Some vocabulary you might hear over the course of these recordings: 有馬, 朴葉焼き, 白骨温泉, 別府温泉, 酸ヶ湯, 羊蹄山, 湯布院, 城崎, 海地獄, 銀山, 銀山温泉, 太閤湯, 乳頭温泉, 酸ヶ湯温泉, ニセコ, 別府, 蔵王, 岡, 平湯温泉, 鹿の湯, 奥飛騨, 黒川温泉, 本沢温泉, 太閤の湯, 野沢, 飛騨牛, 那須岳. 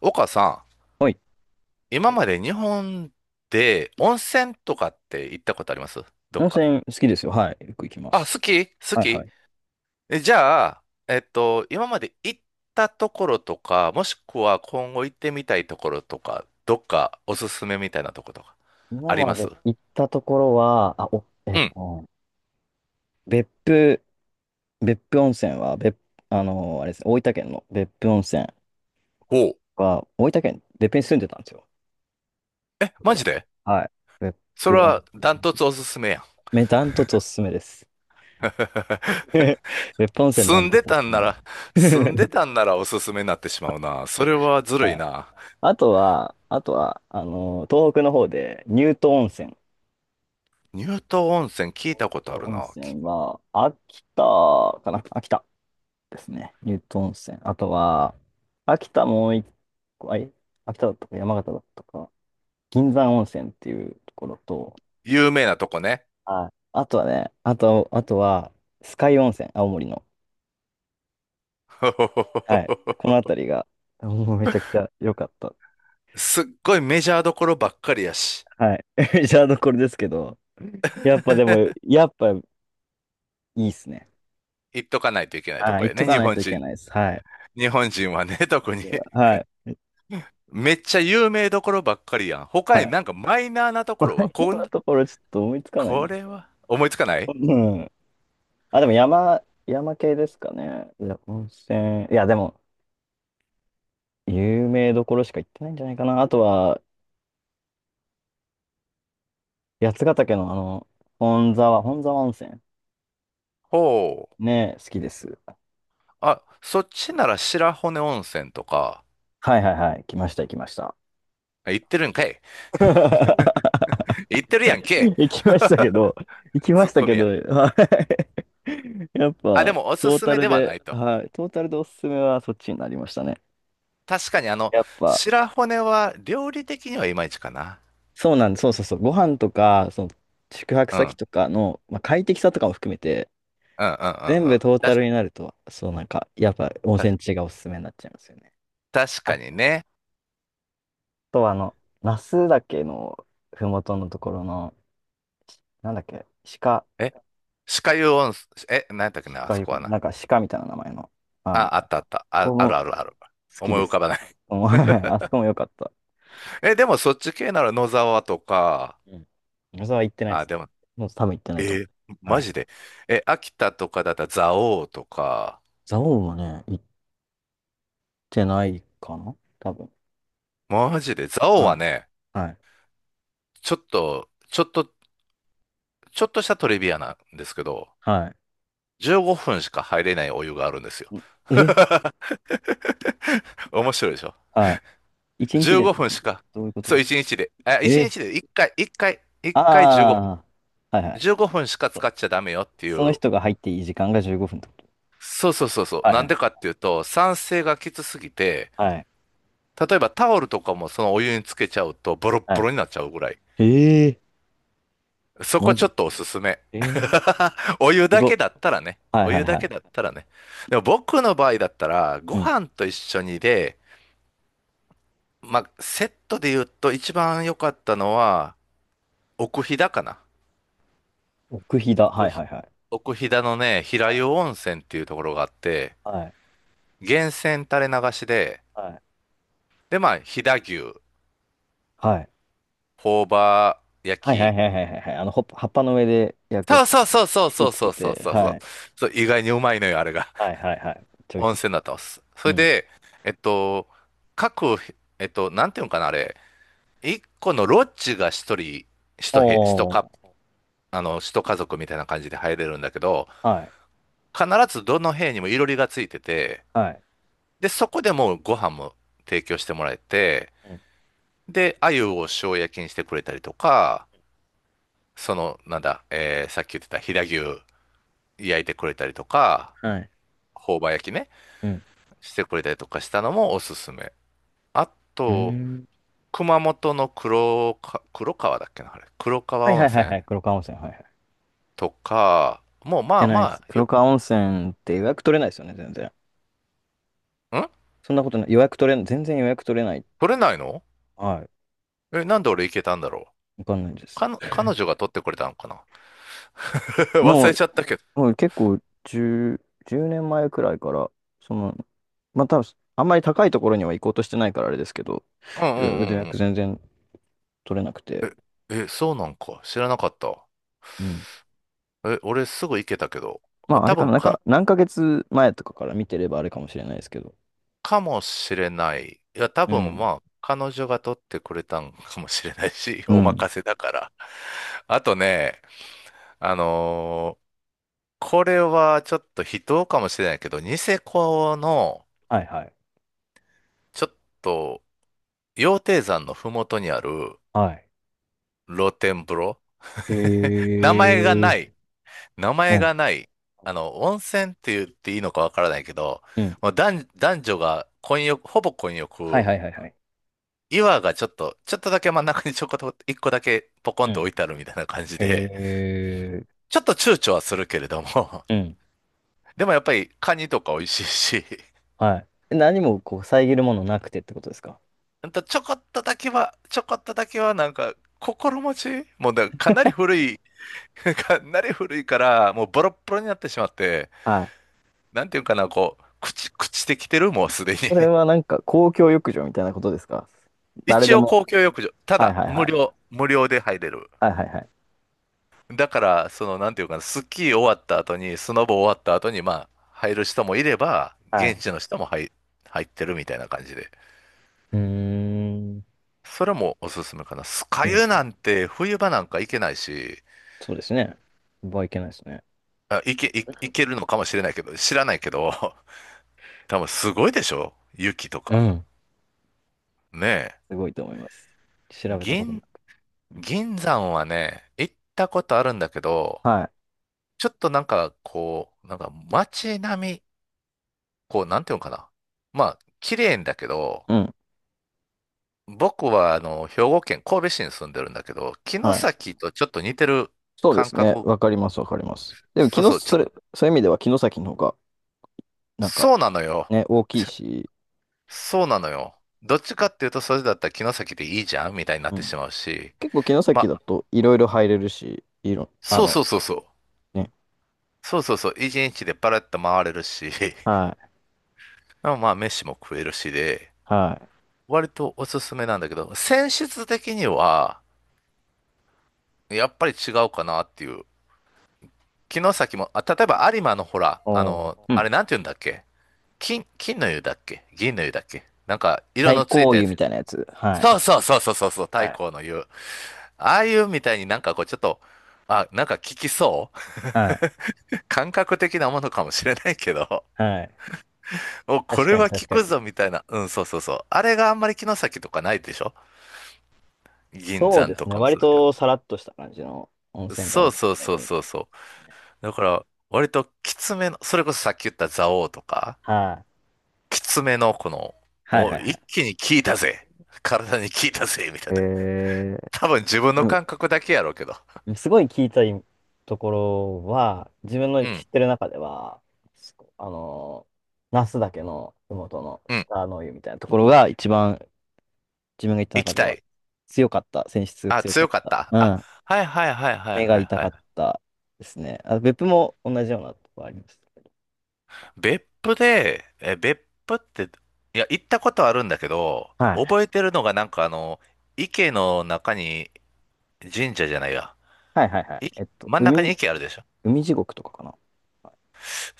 岡さはい。ん、今まで日本で温泉とかって行ったことあります？どっ温か。泉好きですよ。はい。よく行きまあ、す。好き好はいはき。い。じゃあ、今まで行ったところとか、もしくは今後行ってみたいところとか、どっかおすすめみたいなとことか、あ今りまます？で行ったところは、あ、お、えっうん。と、別府、別府温泉は、別、あれですね、大分県の別府温泉ほう。は、大分県、別府に住んでたんですよ。え、だかマら、ジで？はい。別それ府温は泉。ダントツおすすめやん。ダントツおすすめです。別府温泉ダ住ンんトでツおたすすんなめでら、住んです。たん ならおすすめになってしまうな。それはずるいはい。な。あとは、東北の方で、乳頭温泉。乳乳頭温泉聞いたことあ頭る温な。泉は、秋田かな、秋田ですね。乳頭温泉。あとは、秋田もう一個、秋田だったか山形だったか、銀山温泉っていうところと、有名なとこね。はい。あとはね、あとは、酸ヶ湯温泉、青森の。はい。この 辺りが、もうめちゃくちゃ良かった。すっごいメジャーどころばっかりやし、はい。メジャーどころですけど、やっぱでも、やっぱいいっすね。行っとかないといけないとはい。こ行っやとね、か日ない本といけ人。ないです。はい。日本人はね、特に。でははい。めっちゃ有名どころばっかりやん。他はにい。なんかマイナーなと マころは、イナこーん、なところちょっと思いつかないこな。れは、思いつかない？うん。あ、でも山系ですかね。いや、温泉。いや、でも、有名どころしか行ってないんじゃないかな。あとは、八ヶ岳の本沢温泉。ほう。ね、好きです。あ、そっちなら白骨温泉とか、はいはいはい。来ました、行きました。あ行ってるんかい。行ってるやんけ。行きましたけど、行きまツしッたコけミど、や。はい。やっあ、でぱ、もおすトーすタめルではなで、いと。はい。トータルでおすすめはそっちになりましたね。確かにあの、やっぱ、白骨は料理的にはいまいちかな。そうなんです。そうそうそう。ご飯とか、宿泊うん、う先ん、とかの、まあ、快適さとかも含めて、うん、うん、うん。全部トーだタルになると、そうなんか、やっぱ温た泉地がおすすめになっちゃいますよね。確かあにね。と、那須岳のふもとのところの、なんだっけ、鹿、え、歯科湯温泉、え、何だったっけな、あ鹿そいうこかはな、な。なんか鹿みたいな名前の、ああ、あ、あこったあった。あ、こあもるあるある。好き思でい浮かす。ばない。もう あそこも良かった。え、でもそっち系なら野沢とか、うん。野沢行ってないであ、すね。でも、もう多分行ってないと思えーう。はマい。ジで。え、秋田とかだったら蔵王とか、蔵王もね、行ってないかな多分。マジで。蔵王ははい。ね、はい。ちょっと、ちょっと、ちょっとしたトリビアなんですけど、は15分しか入れないお湯があるんですよ。い。んえ 面白いでしょ？ はい。一日でっ 15 てこ分しと？か。どういうことそう、ですか？1日で。あ、1え日で1回、1回、1回15分。ああ、はいはい。15分しか使そっちゃダメよっていそのう。人が入っていい時間が15分ってこと。そうそうそうそう。はいなはんでかいっていうと、酸性がきつすぎて、はい。例えばタオルとかもそのお湯につけちゃうとボロッボはロになっちゃうぐらい。い。ええ、そマこちょジ、っとおすすめ。ええ、 お湯すだごけっ。だったらね。はいおはい湯だはけい。だったらね。でも僕の場合だったら、ごうん。飯と一緒にで、まあ、セットで言うと一番良かったのは、奥飛騨かな。奥飛騨。奥はいは飛、いはい。奥飛騨のね、平湯は温泉っていうところがあって、いはい源泉垂れ流しで、はい。で、まあ、飛騨牛、朴葉焼はいはいき。はいはいはいはいはいはいはいはいはいはい、ほっぱ葉っぱの上で焼くやそうつ。そうそうそう味噌そうつそけうそうて。そうそはう。い。そう、意外にうまいのよ、あれが。はいはいはい。ち ょいしい温です。泉だったんです。そうれん。で、えっと、各、なんていうのかな、あれ。一個のロッジが一人、一部、一おか、ー。あの、一家族みたいな感じで入れるんだけど、はい。必ずどの部屋にもいろりがついてて、はい。で、そこでもうご飯も提供してもらえて、うん。で、鮎を塩焼きにしてくれたりとか、その、なんだ、さっき言ってた飛騨牛、焼いてくれたりとか、はい。朴葉焼きね、うん。してくれたりとかしたのもおすすめ。あうーと、ん。熊本の黒か、黒川だっけな、あれ。黒は川い温はいはい泉はい、調子し川温泉。はいはい。行とか、もうっまてあないでます。あ、黒よ、川温泉って予約取れないですよね、全然。んそんなことない。予約取れん、全然予約取れない。取れないの？はい。え、なんで俺行けたんだろわかんないでう。かす。の、彼女が取ってくれたのかな？ 忘もれちゃう、ったけど。もう結構10、10年前くらいから、その、まあ多分、あんまり高いところには行こうとしてないからあれですけど、うんう予んう約ん全然取れなくうて。ん。え、え、そうなんか。知らなかった。うん。え、俺すぐ行けたけど。まあ、ああ多れかな、分なんか、か何ヶ月前とかから見てればあれかもしれないですけど。かもしれない。いや、多う分ん。まあ、彼女が取ってくれたんかもしれないし、うおん。任せだから。あとね、あのーこれはちょっと非道かもしれないけど、ニセコの、はいはい。ちょっと、羊蹄山のふもとにあるはい。露天風呂。へ 名前がえ。ない。名う前ん。がない。あの、温泉って言っていいのかわからないけど、うん。もう男、男女が混浴、ほぼ混はい浴はいはいはい。岩がちょっと、ちょっとだけ真ん中にちょこっと一個だけポコうンとん。置いてあるみたいな感じへで、え。ちょっと躊躇はするけれども、うん、 でもやっぱりカニとか美味しいし、はい。え、何もこう遮るものなくてってことですか？ほんとちょこっとだけは、ちょこっとだけはなんか心持ちもうだからかなり古い、かなり古いから、もうボロッボロになってしまって、はい。なんていうかな、こう、朽ち、朽ちてきてる、もうすでに。それはなんか公共浴場みたいなことですか？ 誰一で応も。公共浴場、たはいだはいは無い。料、無料で入れる。はいはいはい。だから、その、なんていうかな、スキー終わった後に、スノボ終わった後に、まあ、入る人もいれば、は現い。地の人も入、入ってるみたいな感じで。うーん。それもおすすめかな。酸ヶう湯ん。なんて、冬場なんか行けないし、そうですね。場合いけないですね。あ、行け、い行けるのかもしれないけど、知らないけど、多分すごいでしょ雪とうか。ん。ねすごいと思います。え。調べたことな銀、い。銀山はね、行ったことあるんだけど、はい。ちょっとなんか、こう、なんか街並み、こう、なんていうのかな。まあ、綺麗んだけど、うん。僕はあの兵庫県神戸市に住んでるんだけど、城はい。崎とちょっと似てるそうで感すね。覚、わかります、わかります。でも、そう城そう、ちょ、それ、そういう意味では城崎の方が、なんかそうなのよ。ね、大きい し、そうなのよ。どっちかっていうと、それだったら城崎でいいじゃんみたいになっうてん。しまうし、結構城ま崎だあ、といろいろ入れるし、いろ、あそうの、そうそうそう。ね。そうそうそう。一日でパラッと回れるし、はい。まあ、まあ飯も食えるしで、はい。割とおすすめなんだけど、選出的には、やっぱり違うかなっていう。城崎も、あ、例えば有馬のほら、あおーの、うあん。れなんて言うんだっけ？金、金の湯だっけ銀の湯だっけなんか、色太のつい閤たや湯つ。みたいなやつ。はそい。うそうそうそうそうそう、太はい。閤の湯。ああいうみたいになんかこう、ちょっと、あ、なんか効きそはい。う 感覚的なものかもしれないけど、はい。お、こ確れかに、は確効かに。くぞみたいな。うん、そうそうそう。あれがあんまり城崎とかないでしょ？銀そうで山とすね。かも割そうだけど。とさらっとした感じの温泉がそ多うかっそうたイそうメーそうジでそう。すね。だから、割ときつめの、それこそさっき言った蔵王とか、はい。きつめのこの、はいお、はいは一い。気に効いたぜ。体に効いたぜ、みたいえなー、多分自分でのも、感覚だけやろうけど。すごい聞いたいところは、自分うの知っん、てる中では、すこあの、那須岳の麓のうん、鹿の湯みたいなところが一番自分が行った行中きでたはい。強かった、選出があ、強か強かっった。あ、た、はいはいはいはい目がはい痛はかい。ったですね。あ、別府も同じようなとこあります。別府で、え、別府って、いや、行ったことあるんだけど、はい。覚えてるのがなんかあの、池の中に神社じゃないや。はいはいはい。い、真ん中に池あるでしょ？海地獄とかかな。はい、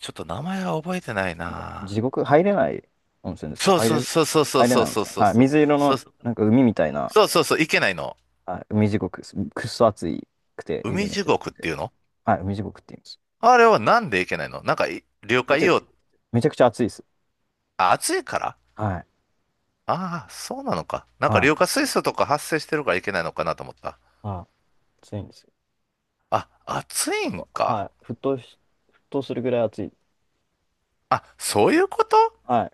ちょっと名前が覚えてないなんか、な。地獄入れない温泉ですか？そうそうそうそうそう入れそないう温そう泉。そうはい。そう。水色そうの、なんか海みたいな、そうそうそう、いけないの。はい、海地獄です。くっそ暑くて、湯気海めっ地ちゃ出て獄ってて。いうの？はい、海地獄って言います。あれはなんでいけないのなんかい、了めっ解ちゃ、よ。めちゃくちゃ暑いです。あ、暑いから？はい。ああ、そうなのか。なんかはい。硫化水素とか発生してるからいけないのかなと思った。あ、暑いんですあ、暑いんよ。はか。い。沸騰するぐらい暑い。あ、そういうこと？はい。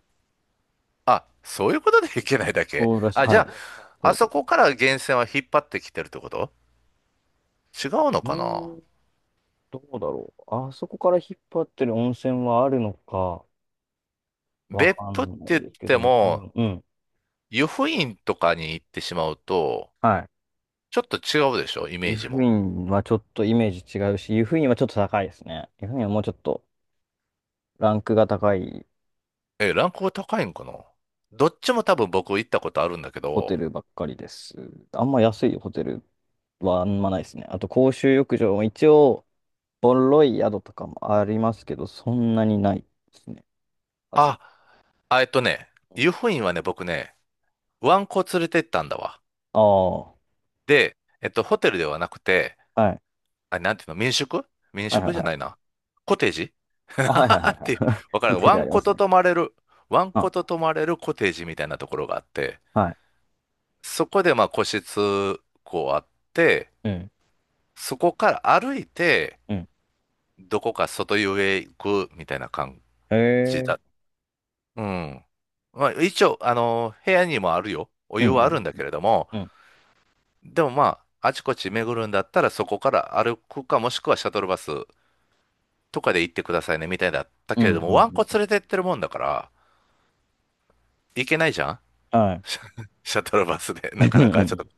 あ、そういうことでいけないだけ。そうらしい。あ、じはゃい。そあ、うあだとそ思いこかまらす。源泉は引っ張ってきてるってこと？違うのうかな？ん、どうだろう。あそこから引っ張ってる温泉はあるのか、わ別か府ってんない言っですけてどね。うも、ん。うん、湯布院とかに行ってしまうと、はちょっと違うでしょイい。湯メージ布も。院はちょっとイメージ違うし、湯布院はちょっと高いですね。湯布院はもうちょっとランクが高いえ、ランクが高いんかな？どっちも多分僕行ったことあるんだけホテど、ルばっかりです。あんま安いホテルはあんまないですね。あと公衆浴場も一応、ボロい宿とかもありますけど、そんなにないですね。はず。あ、あ湯布院はね、僕ね、ワンコ連れてったんだわ。ああ、はで、ホテルではなくて、い。あ、なんていうの、民宿民はいは宿いじゃはないい。な。コテージ あ、はいはいはいっていう、はい。わ からコん。テーワジあンりまコすとね。泊まれる、ワンあ、コと泊まれるコテージみたいなところがあって、はい。そこでまあ個室、こうあって、うん。そこから歩いて、うん、どこか外湯へ行くみたいな感へじだ。え。うん。まあ一応、部屋にもあるよ。おう湯んういはあうるんだけれども、う、ん。でもまあ、あちこち巡るんだったらそこから歩くかもしくはシャトルバスとかで行ってくださいね、みたいだったうんけうれんどうも、ワンコんう連ん。れてってるもんだから、行けないじゃん。 はい。シャトルバスで、うなんかなかちょっと、う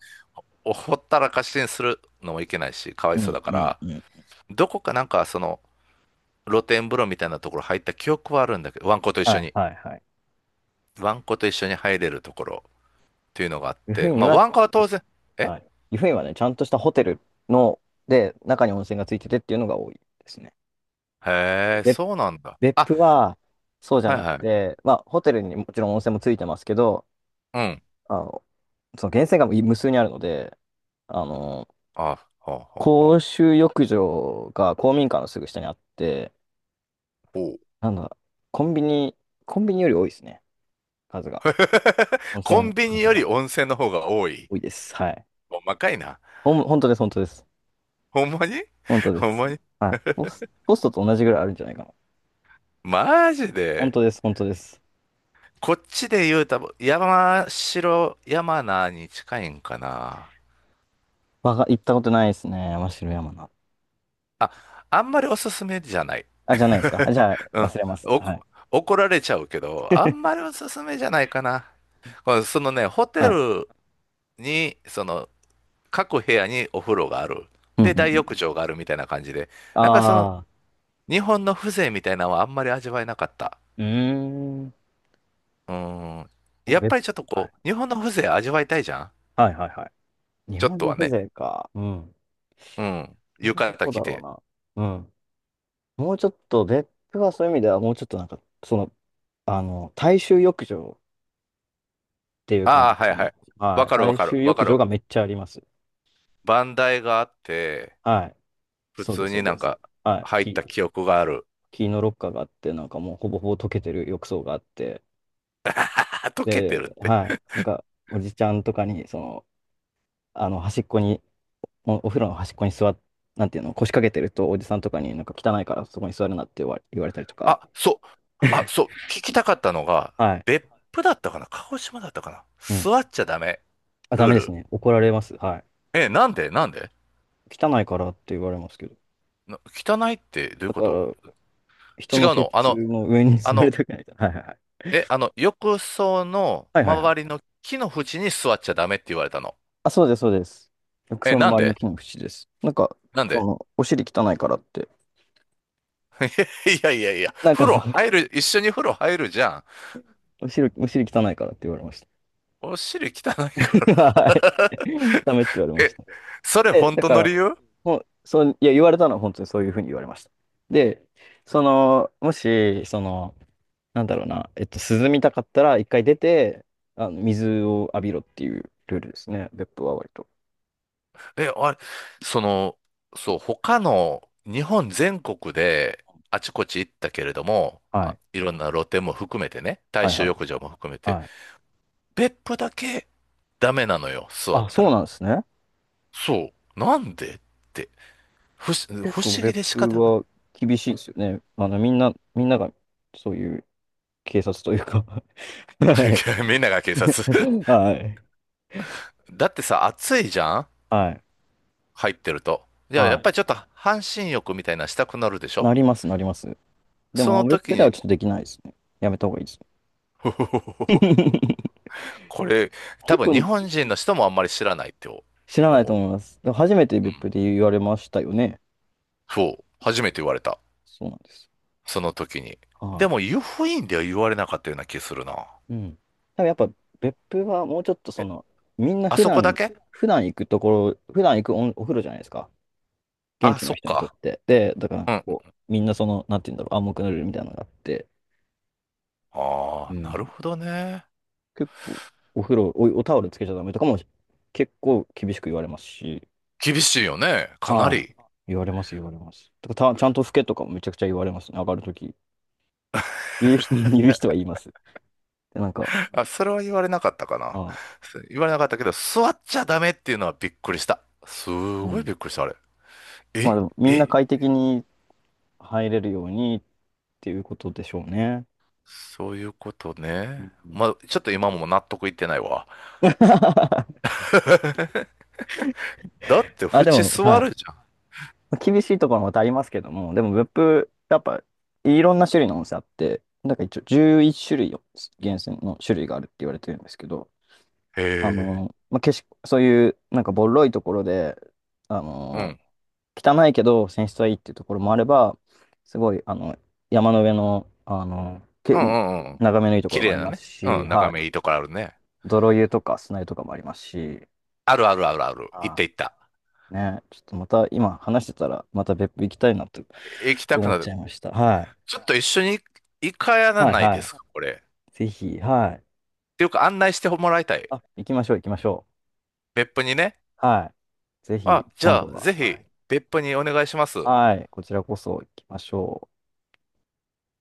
おほったらかしにするのもいけないし、かわいんそうだかうんら、うん。どこかなんかその、露天風呂みたいなところ入った記憶はあるんだけど、ワンコと一緒はいに、はいはい。ワンコと一緒に入れるところっていうのがあっ湯布て、ま院あ、は、ワンそコはう当です然、ね。え、はい。湯布院はね、ちゃんとしたホテルの、で、中に温泉がついててっていうのが多いですね。へえ、別、そうなんだ。別あ、府は、そうじゃはいなくはい。て、まあ、ホテルにもちろん温泉もついてますけど、うん。あの、その源泉が無数にあるので、あの、あ、ほうほう公ほ衆浴場が公民館のすぐ下にあって、う。ほう。 なんだ、コンビニ、コンビニより多いですね、数が。当 コン選ビニ数よりが温泉の方が多い。多いです。はい。細かいな。本当です、本当です。ほんまに。本当でほんす。まに。はい。ホストと同じぐらいあるんじゃないかな。マジ本で。当です、本当です。こっちで言うたら山城山名に近いんかな。わが、行ったことないですね。真白山な。あ、あんまりおすすめじゃない。あ、じゃないですか。あ、じゃうあ、ん。忘れます。おはこ、い。怒られちゃうけど、あんま りおすすめじゃないかな。その、ホテはい。ルに、各部屋にお風呂がある。うんうんで、う大ん。浴場があるみたいな感じで。なんかその、ああ、日本の風情みたいなのはあんまり味わえなかった。うーん。なうーん。んかやっ別、ぱりちょっとはこい。う、日本の風情味わいたいじゃん。はいはいはい。日ちょっ本とのはね。風情か。うん。うん。そ浴れは衣どう着だて。ろうな。うん。もうちょっと、別府はそういう意味では、もうちょっとなんか、その、大衆浴場っていう感あじあ、ではすいはね。い。わはい。かるわ大かる。衆わ浴かる。場がめっちゃあります。バンダイがあって、はい。普そうで通す、そうになでんす。かはい。入った記憶がある。木のロッカーがあって、なんかもうほぼほぼ溶けてる浴槽があって、あ、溶けてるっで、て。はい。なんか、おじちゃんとかに、端っこに、お風呂の端っこになんていうの、腰掛けてると、おじさんとかになんか汚いからそこに座るなって言われたりとか、あ、そう。あ、そう。聞きたかったのが、はい。別府だったかな、鹿児島だったかな。うん。座っちゃダメ。あ、ダルーメですル。ね。怒られます。はい。え、なんでなんで。汚いからって言われますけど。な、汚いってどういうだこかと。ら、人違のうケの、ツの上にあ座りの、たくない。はいはいはい。あの、浴槽のはいはいは周りい。の木の縁に座っちゃダメって言われたの。あ、そうです、そうです。浴え、槽のなん周りので木の縁です。なんで。 お尻汚いからって、いやいやいや、なん風かそ呂の、入る、一緒に風呂入るじゃん。お尻汚いからって言われました。お尻汚いから。はい。ダメって言われ ましえ、た。それで、本だ当かのら、理由。ほん、そう、いや、言われたのは本当にそういうふうに言われました。で、その、もし、その、なんだろうな、えっと、涼みたかったら、一回出て、水を浴びろっていうルールですね、別府は割と。え、あれ、その、そう、他の日本全国であちこち行ったけれども、はあ、い。いろんな露店も含めてね、大はい衆はい。浴場も含めて、はい。別府だけダメなのよ、座っあ、たそうら。なんですね。そう、なんでって、結不構思議別で仕府方がない。は厳しいですよね。みんながそういう警察というか はい。みんなが警察。はい。だってさ、暑いじゃんはい。入ってると。じゃあ、やっはぱりちょっと半身浴みたいなしたくなるでしい。ょ。なります、なります。でそも、の別時府でに、はち ょっとできないですね。やめた方がいいです。ふふふふふ。 これ、多結分日構本人の人もあんまり知らないって知らない思とう。思います。でも初めてうん。別府で言われましたよね。そう。そ初う、めて言われた。そうなんです。その時に。はでも、湯布院では言われなかったような気するな。い。うん。多分やっぱ別府はもうちょっとえ、みんなあ普そこだ段、け。普段行くところ、普段行くお風呂じゃないですか。現あ、地のそっ人にとか。って。で、だからなんうかん。こう、みんなその、なんて言うんだろう、暗黙のルールみたいなのがあって、あうあ、なるん。ほどね。結構、お風呂、お、おタオルつけちゃダメとかも結構厳しく言われますし、厳しいよね。かなはり。い。言われます、言われます。とかた、ちゃんと拭けとかもめちゃくちゃ言われますね、上がるとき。言う人、言う人は言います。で、なんか、あ、それは言われなかったかな。ああ言われなかったけど、座っちゃダメっていうのはびっくりした。すうごいん。びっくりした、あれ。まあえ、でも、みんえ、な快適に入れるようにっていうことでしょうね。そういうことうね。ん まあ、ちょっと今も納得いってないわ。だってあ、で縁も、は座い。るじゃん。まあ厳しいところもまたありますけども、でも別府、やっぱいろんな種類の温泉あって、なんか一応11種類を源泉の種類があるって言われてるんですけど、へえ。景色、そういうなんかボロいところで、あうの、ん。汚いけど泉質はいいっていうところもあれば、すごい、山の上の、うんうんうん。眺めのいいとこ綺ろもあ麗りなますね。し、うん。は眺い。めいいところあるね。泥湯とか砂湯とかもありますし、あるあるあるある。行っはた行った。い。ね、ちょっとまた今話してたら、また別府行きたいなとえ、行きたく思っなちる。ゃいました。はい。ちょっと一緒に行かやらはいないはでい。すか、これ。っぜひ、はい。ていうか案内してもらいたい。あ、行きましょう、行きましょ別府にね。う。はい。ぜひ、あ、じ今ゃ度あ、は。ぜはひ、い。別府にお願いします。はい。こちらこそ行きましょう。